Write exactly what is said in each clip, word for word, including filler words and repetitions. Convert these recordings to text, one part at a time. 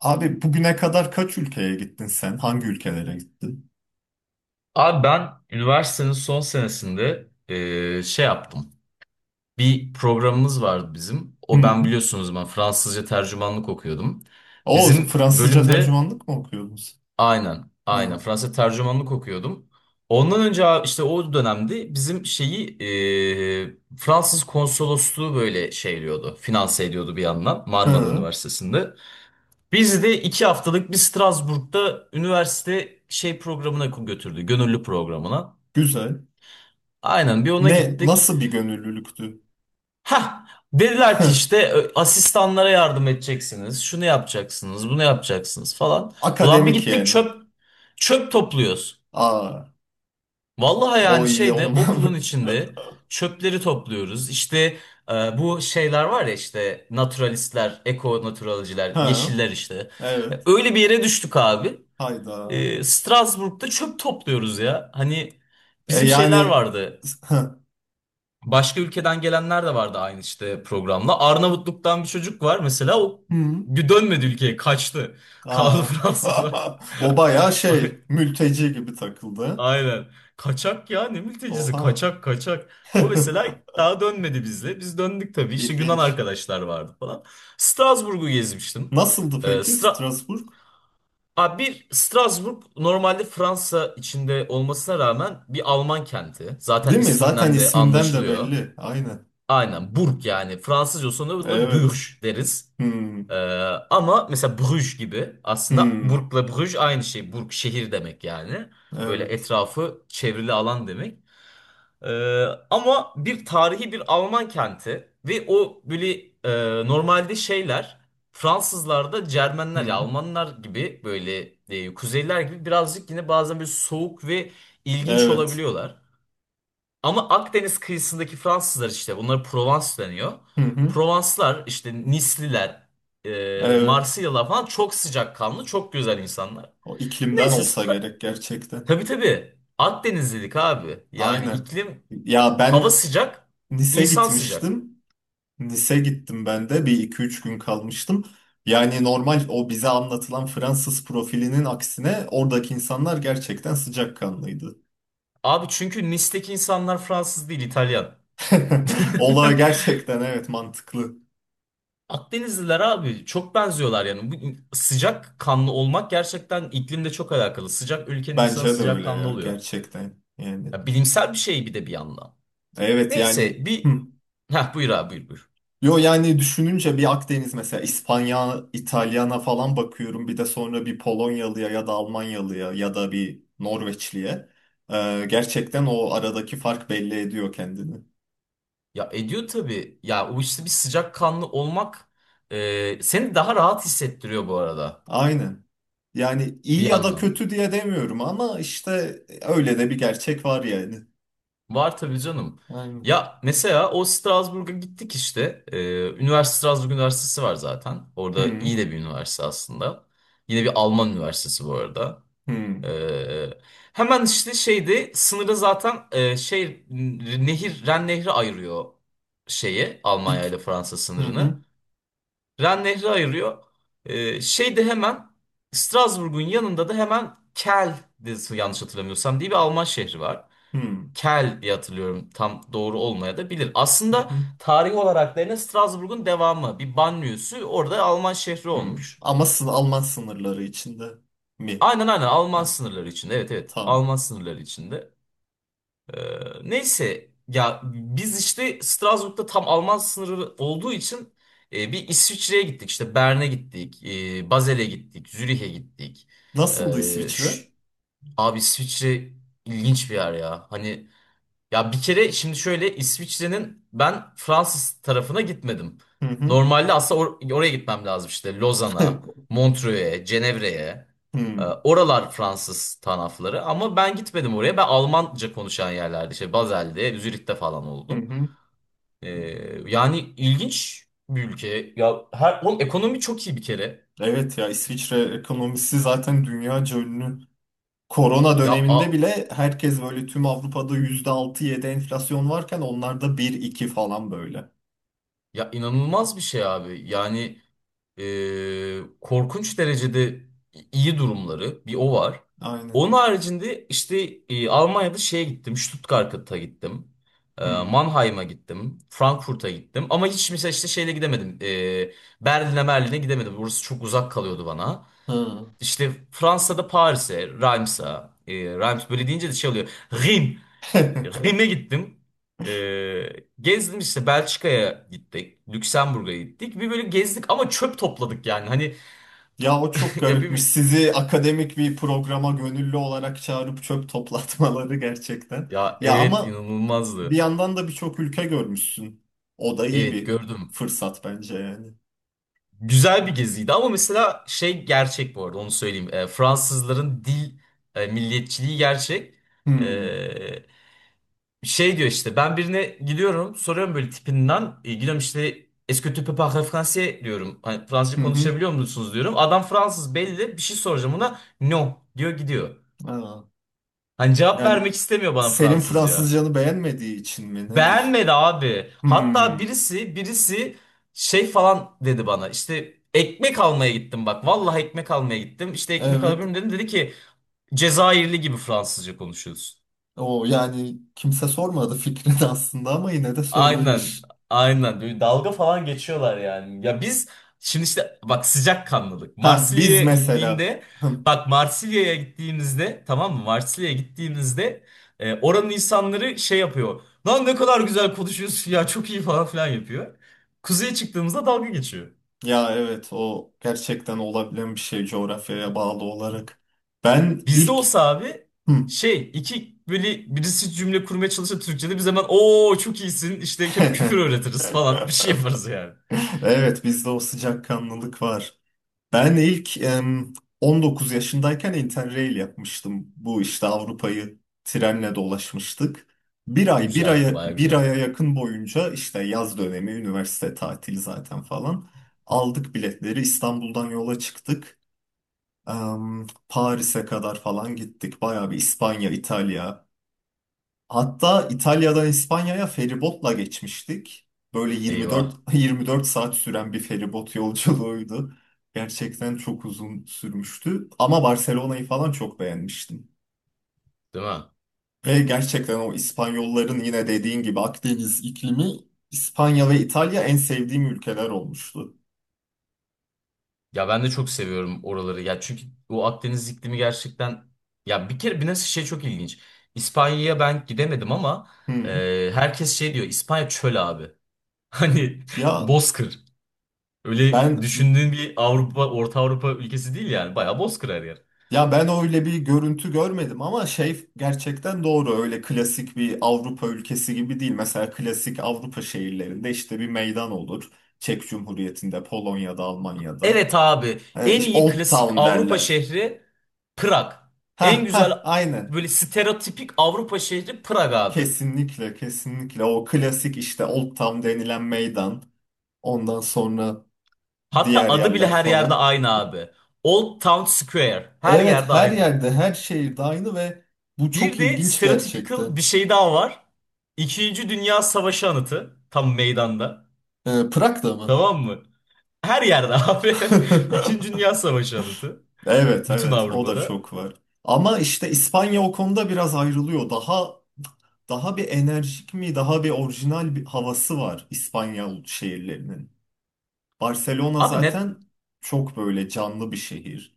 Abi bugüne kadar kaç ülkeye gittin sen? Hangi ülkelere gittin? Abi ben üniversitenin son senesinde eee, şey yaptım. Bir programımız vardı bizim. O Hı. ben biliyorsunuz ben Fransızca tercümanlık okuyordum. O Bizim Fransızca bölümde tercümanlık mı okuyordun sen? aynen aynen Hı. Fransızca tercümanlık okuyordum. Ondan önce abi işte o dönemde bizim şeyi eee, Fransız konsolosluğu böyle şeyliyordu. Finanse ediyordu bir yandan Marmara Hı. Üniversitesi'nde. Bizi de iki haftalık bir Strasbourg'da üniversite şey programına götürdü. Gönüllü programına. Güzel. Aynen bir ona Ne gittik. nasıl bir gönüllülüktü? Ha, dediler ki işte ö, asistanlara yardım edeceksiniz. Şunu yapacaksınız, bunu yapacaksınız falan. Ulan bir Akademik gittik yani. çöp çöp topluyoruz. Aa, Vallahi o yani iyi şeyde okulun olmam. içinde çöpleri topluyoruz. İşte e, bu şeyler var ya işte naturalistler, eko naturalciler, Ha, yeşiller işte. E, evet. Öyle bir yere düştük abi. Hayda. E, Strasbourg'da çöp topluyoruz ya. Hani E bizim şeyler yani vardı. hı. Başka ülkeden gelenler de vardı aynı işte programla. Arnavutluk'tan bir çocuk var mesela, o Hı. bir dönmedi, ülkeye kaçtı. Kaldı Aa. Fransa'da. O bayağı Ay- şey mülteci gibi takıldı. Aynen. Kaçak ya, ne mültecisi, Oha. kaçak kaçak. O mesela daha dönmedi bizle. Biz döndük tabii. İşte Yunan İlginç. arkadaşlar vardı falan. Strasbourg'u gezmiştim. Nasıldı Ee, peki Stra Strasbourg? Aa, bir Strasbourg normalde Fransa içinde olmasına rağmen bir Alman kenti. Zaten Değil mi? Zaten isminden de isminden de anlaşılıyor. belli. Aynen. Aynen burk yani. Fransızca sonunda buna Evet. bürj deriz. Hmm. Ee, ama mesela Bruges gibi, aslında Hmm. burkla Bruges aynı şey. Burk şehir demek yani. Böyle Evet. etrafı çevrili alan demek. Ee, ama bir tarihi bir Alman kenti ve o böyle e, normalde şeyler Fransızlarda Cermenler ya Hmm. Almanlar gibi böyle e, kuzeyler gibi birazcık yine bazen böyle soğuk ve ilginç Evet. olabiliyorlar. Ama Akdeniz kıyısındaki Fransızlar, işte bunlara Provence deniyor. Hı hı. Provanslar işte Nisliler, e, Evet. Marsilyalılar falan çok sıcakkanlı, çok güzel insanlar. O iklimden Neyse olsa sıra. gerek gerçekten. Tabii tabii, Akdenizlilik abi. Yani Aynen. iklim, Ya hava ben sıcak, Nice insan sıcak. gitmiştim. Nice gittim ben de. Bir iki üç gün kalmıştım. Yani normal o bize anlatılan Fransız profilinin aksine oradaki insanlar gerçekten sıcakkanlıydı. Abi çünkü Nis'teki insanlar Fransız değil, İtalyan. Olay gerçekten evet mantıklı. Akdenizliler abi çok benziyorlar yani. Bu in- sıcak kanlı olmak gerçekten iklimle çok alakalı. Sıcak ülkenin insanı Bence de sıcak öyle kanlı ya oluyor. gerçekten yani. Ya bilimsel bir şey bir de bir yandan. Evet yani Neyse hı. bir. Heh, buyur abi, buyur buyur. Yo yani düşününce bir Akdeniz mesela İspanya, İtalyana falan bakıyorum bir de sonra bir Polonyalıya ya da Almanyalıya ya da bir Norveçliye. Ee, gerçekten o aradaki fark belli ediyor kendini. Ya ediyor tabii. Ya o işte bir sıcakkanlı olmak e, seni daha rahat hissettiriyor bu arada. Aynen. Yani Bir iyi ya da yandan. kötü diye demiyorum ama işte öyle de bir gerçek var yani. Var tabii canım. Aynen. Ya mesela o Strasbourg'a gittik işte. E, Üniversite Strasbourg Üniversitesi var zaten. Orada Hı iyi de bir üniversite aslında. Yine bir Alman üniversitesi bu arada. hı. Ee, hemen işte şeyde sınırı zaten e, şey nehir Ren Nehri ayırıyor, şeyi Almanya ile İk- Fransa hı hı sınırını. Ren Nehri ayırıyor. Ee, şeyde hemen Strasbourg'un yanında da hemen Kel de, yanlış hatırlamıyorsam, diye bir Alman şehri var. hı Kel diye hatırlıyorum, tam doğru olmaya da bilir. hı Aslında hı. tarih olarak da yine Strasbourg'un devamı bir banliyösü, orada Alman şehri Hı. olmuş. Ama sın- Alman sınırları içinde mi? Aynen aynen Alman Ha, sınırları içinde, evet evet, tamam. Alman sınırları içinde. Ee, neyse ya biz işte Strasbourg'da tam Alman sınırı olduğu için e, bir İsviçre'ye gittik. İşte Bern'e gittik, e, Basel'e gittik, Zürih'e gittik. Nasıldı Ee, İsviçre? şş, abi İsviçre ilginç bir yer ya. Hani, ya bir kere şimdi şöyle, İsviçre'nin ben Fransız tarafına gitmedim. Hı hı. Normalde aslında or- oraya gitmem lazım, işte Lozan'a, Montreux'e, Cenevre'ye. Ee, Hı oralar Fransız tarafları ama ben gitmedim oraya. Ben Almanca konuşan yerlerde, işte Basel'de, Zürih'te falan hı. oldum. Hı. Ee, yani ilginç bir ülke. Ya her, oğlum ekonomi çok iyi bir kere. Evet ya İsviçre ekonomisi zaten dünyaca ünlü. Korona Ya döneminde a- bile herkes böyle tüm Avrupa'da yüzde altı yedi enflasyon varken onlarda bir iki falan böyle. ya inanılmaz bir şey abi. Yani e, korkunç derecede iyi durumları, bir o var. Aynen. Onun haricinde işte e, Almanya'da şeye gittim, Stuttgart'a gittim. e, Hı. Mannheim'a gittim, Frankfurt'a gittim ama hiç mesela işte şeyle gidemedim. E, Berlin'e Merlin'e gidemedim. Burası çok uzak kalıyordu bana. Hı. İşte Fransa'da Paris'e, Reims'a, e, Reims böyle deyince de şey oluyor. Rhin, Rhin'e gittim. E, gezdim işte Belçika'ya gittik, Lüksemburg'a gittik. Bir böyle gezdik ama çöp topladık yani. Hani. Ya o çok Ya garipmiş. bir Sizi akademik bir programa gönüllü olarak çağırıp çöp toplatmaları gerçekten. ya Ya evet, ama bir inanılmazdı. yandan da birçok ülke görmüşsün. O da iyi Evet, bir gördüm. fırsat bence yani. Güzel bir geziydi ama mesela şey gerçek bu arada, onu söyleyeyim. E, Fransızların dil e, milliyetçiliği gerçek. Hı E, şey diyor, işte ben birine gidiyorum soruyorum böyle tipinden. E, gidiyorum işte, Est-ce que tu peux parler français diyorum. Hani Fransızca hı. Hı. konuşabiliyor musunuz diyorum. Adam Fransız belli, bir şey soracağım ona. No diyor, gidiyor. Aa. Hani cevap Yani vermek istemiyor bana senin Fransızca. Fransızcanı beğenmediği için mi nedir? Beğenmedi abi. Hatta Hmm, birisi birisi şey falan dedi bana. İşte ekmek almaya gittim bak. Vallahi ekmek almaya gittim. İşte ekmek alabilir evet. miyim dedim. Dedi ki, Cezayirli gibi Fransızca konuşuyorsun. O yani kimse sormadı fikrini aslında ama yine de Aynen. söylemiş. Aynen. Böyle dalga falan geçiyorlar yani. Ya biz, şimdi işte bak, sıcakkanlılık. Ha biz Marsilya'ya mesela. indiğimde, Hım, bak Marsilya'ya gittiğimizde, tamam mı? Marsilya'ya gittiğimizde e, oranın insanları şey yapıyor. Lan ne kadar güzel konuşuyorsun ya, çok iyi falan filan yapıyor. Kuzeye çıktığımızda dalga geçiyor. ya evet o gerçekten olabilen bir şey coğrafyaya bağlı olarak. Ben Bizde ilk... olsa abi, Hım. şey iki böyle birisi cümle kurmaya çalışsa Türkçe'de, biz hemen ooo çok iyisin işte, hep küfür öğretiriz falan bir şey yaparız yani. Evet bizde o sıcakkanlılık var. Ben ilk em, on dokuz yaşındayken Interrail yapmıştım. Bu işte Avrupa'yı trenle dolaşmıştık. Bir ay, bir Güzel, aya, baya bir güzel. aya yakın boyunca işte yaz dönemi, üniversite tatili zaten falan. Aldık biletleri, İstanbul'dan yola çıktık. Em, Paris'e kadar falan gittik. Bayağı bir İspanya, İtalya, hatta İtalya'dan İspanya'ya feribotla geçmiştik. Böyle 24 Eyvah. 24 saat süren bir feribot yolculuğuydu. Gerçekten çok uzun sürmüştü ama Barcelona'yı falan çok beğenmiştim. Değil mi? Ve gerçekten o İspanyolların yine dediğin gibi Akdeniz iklimi İspanya ve İtalya en sevdiğim ülkeler olmuştu. Ya ben de çok seviyorum oraları. Ya çünkü o Akdeniz iklimi gerçekten, ya bir kere bir nasıl şey, çok ilginç. İspanya'ya ben gidemedim ama Hı. e, herkes şey diyor, İspanya çöl abi. Hani Ya bozkır. Öyle ben düşündüğün bir Avrupa, Orta Avrupa ülkesi değil yani. Bayağı bozkır her yer. Ya ben öyle bir görüntü görmedim ama şey gerçekten doğru öyle klasik bir Avrupa ülkesi gibi değil. Mesela klasik Avrupa şehirlerinde işte bir meydan olur. Çek Cumhuriyeti'nde, Polonya'da, Almanya'da. Evet abi. E, En işte iyi Old klasik Town Avrupa derler. şehri Prag. Ha En güzel ha aynen. böyle stereotipik Avrupa şehri Prag abi. Kesinlikle kesinlikle o klasik işte Old Town denilen meydan. Ondan sonra Hatta diğer adı bile yerler her yerde falan. aynı abi. Old Town Square. Her Evet yerde her aynı. yerde her şehirde aynı ve bu Bir çok de ilginç stereotypical gerçekten. bir şey daha var. İkinci Dünya Savaşı anıtı. Tam meydanda. E, Prag'da mı? Tamam mı? Her yerde abi. İkinci Dünya Savaşı anıtı. Evet Bütün evet o da Avrupa'da. çok var. Ama işte İspanya o konuda biraz ayrılıyor. Daha daha bir enerjik mi, daha bir orijinal bir havası var İspanya şehirlerinin. Barcelona Abi ne, zaten çok böyle canlı bir şehir.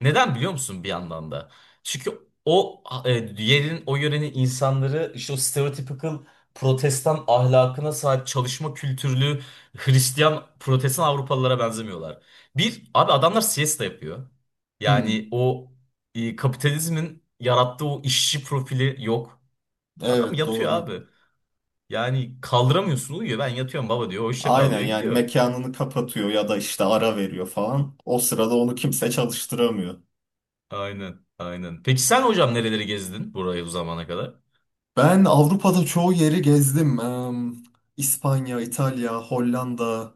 Neden biliyor musun bir yandan da? Çünkü o e, yerin, o yörenin insanları işte o stereotypical protestan ahlakına sahip, çalışma kültürlü Hristiyan protestan Avrupalılara benzemiyorlar. Bir, abi adamlar siesta yapıyor. Hmm, Yani o e, kapitalizmin yarattığı o işçi profili yok. Adam evet yatıyor doğru. abi. Yani kaldıramıyorsun, uyuyor. Ben yatıyorum baba diyor. Hoşça kal Aynen diyor, yani gidiyor. mekanını kapatıyor ya da işte ara veriyor falan. O sırada onu kimse çalıştıramıyor. Aynen aynen. Peki sen hocam nereleri gezdin, burayı bu zamana kadar? Ben Avrupa'da çoğu yeri gezdim. Em, İspanya, İtalya, Hollanda,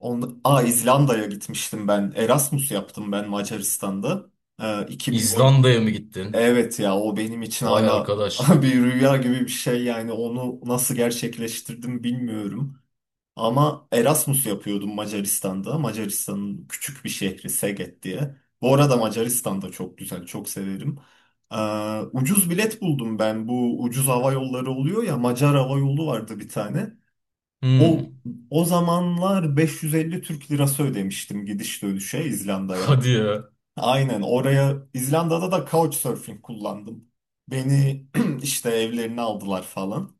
On, Aa, İzlanda'ya gitmiştim ben. Erasmus yaptım ben Macaristan'da. Ee, iki bin on. İzlanda'ya mı gittin? Evet ya o benim için Vay hala arkadaş. bir rüya gibi bir şey yani onu nasıl gerçekleştirdim bilmiyorum. Ama Erasmus yapıyordum Macaristan'da. Macaristan'ın küçük bir şehri Szeged diye. Bu arada Macaristan da çok güzel, çok severim. Ee, ucuz bilet buldum ben. Bu ucuz hava yolları oluyor ya Macar hava yolu vardı bir tane. Hmm. O o zamanlar beş yüz elli Türk lirası ödemiştim gidiş dönüşe İzlanda'ya. Hadi ya. Aynen oraya İzlanda'da da couchsurfing kullandım. Beni işte evlerine aldılar falan.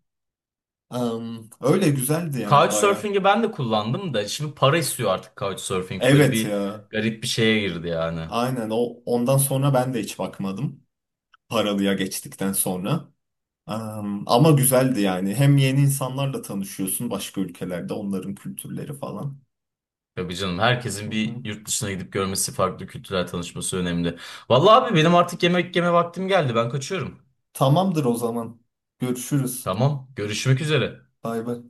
Am, öyle güzeldi yani baya. Couchsurfing'i ben de kullandım da şimdi para istiyor artık Couchsurfing. Böyle Evet bir ya. garip bir şeye girdi yani. Aynen o ondan sonra ben de hiç bakmadım. Paralıya geçtikten sonra. Am, ama güzeldi yani. Hem yeni insanlarla tanışıyorsun başka ülkelerde onların kültürleri falan. Tabii canım, Hı herkesin hı. bir yurt dışına gidip görmesi, farklı kültürel tanışması önemli. Vallahi abi benim artık yemek yeme vaktim geldi. Ben kaçıyorum. Tamamdır o zaman. Görüşürüz. Tamam, görüşmek üzere. Bay bay.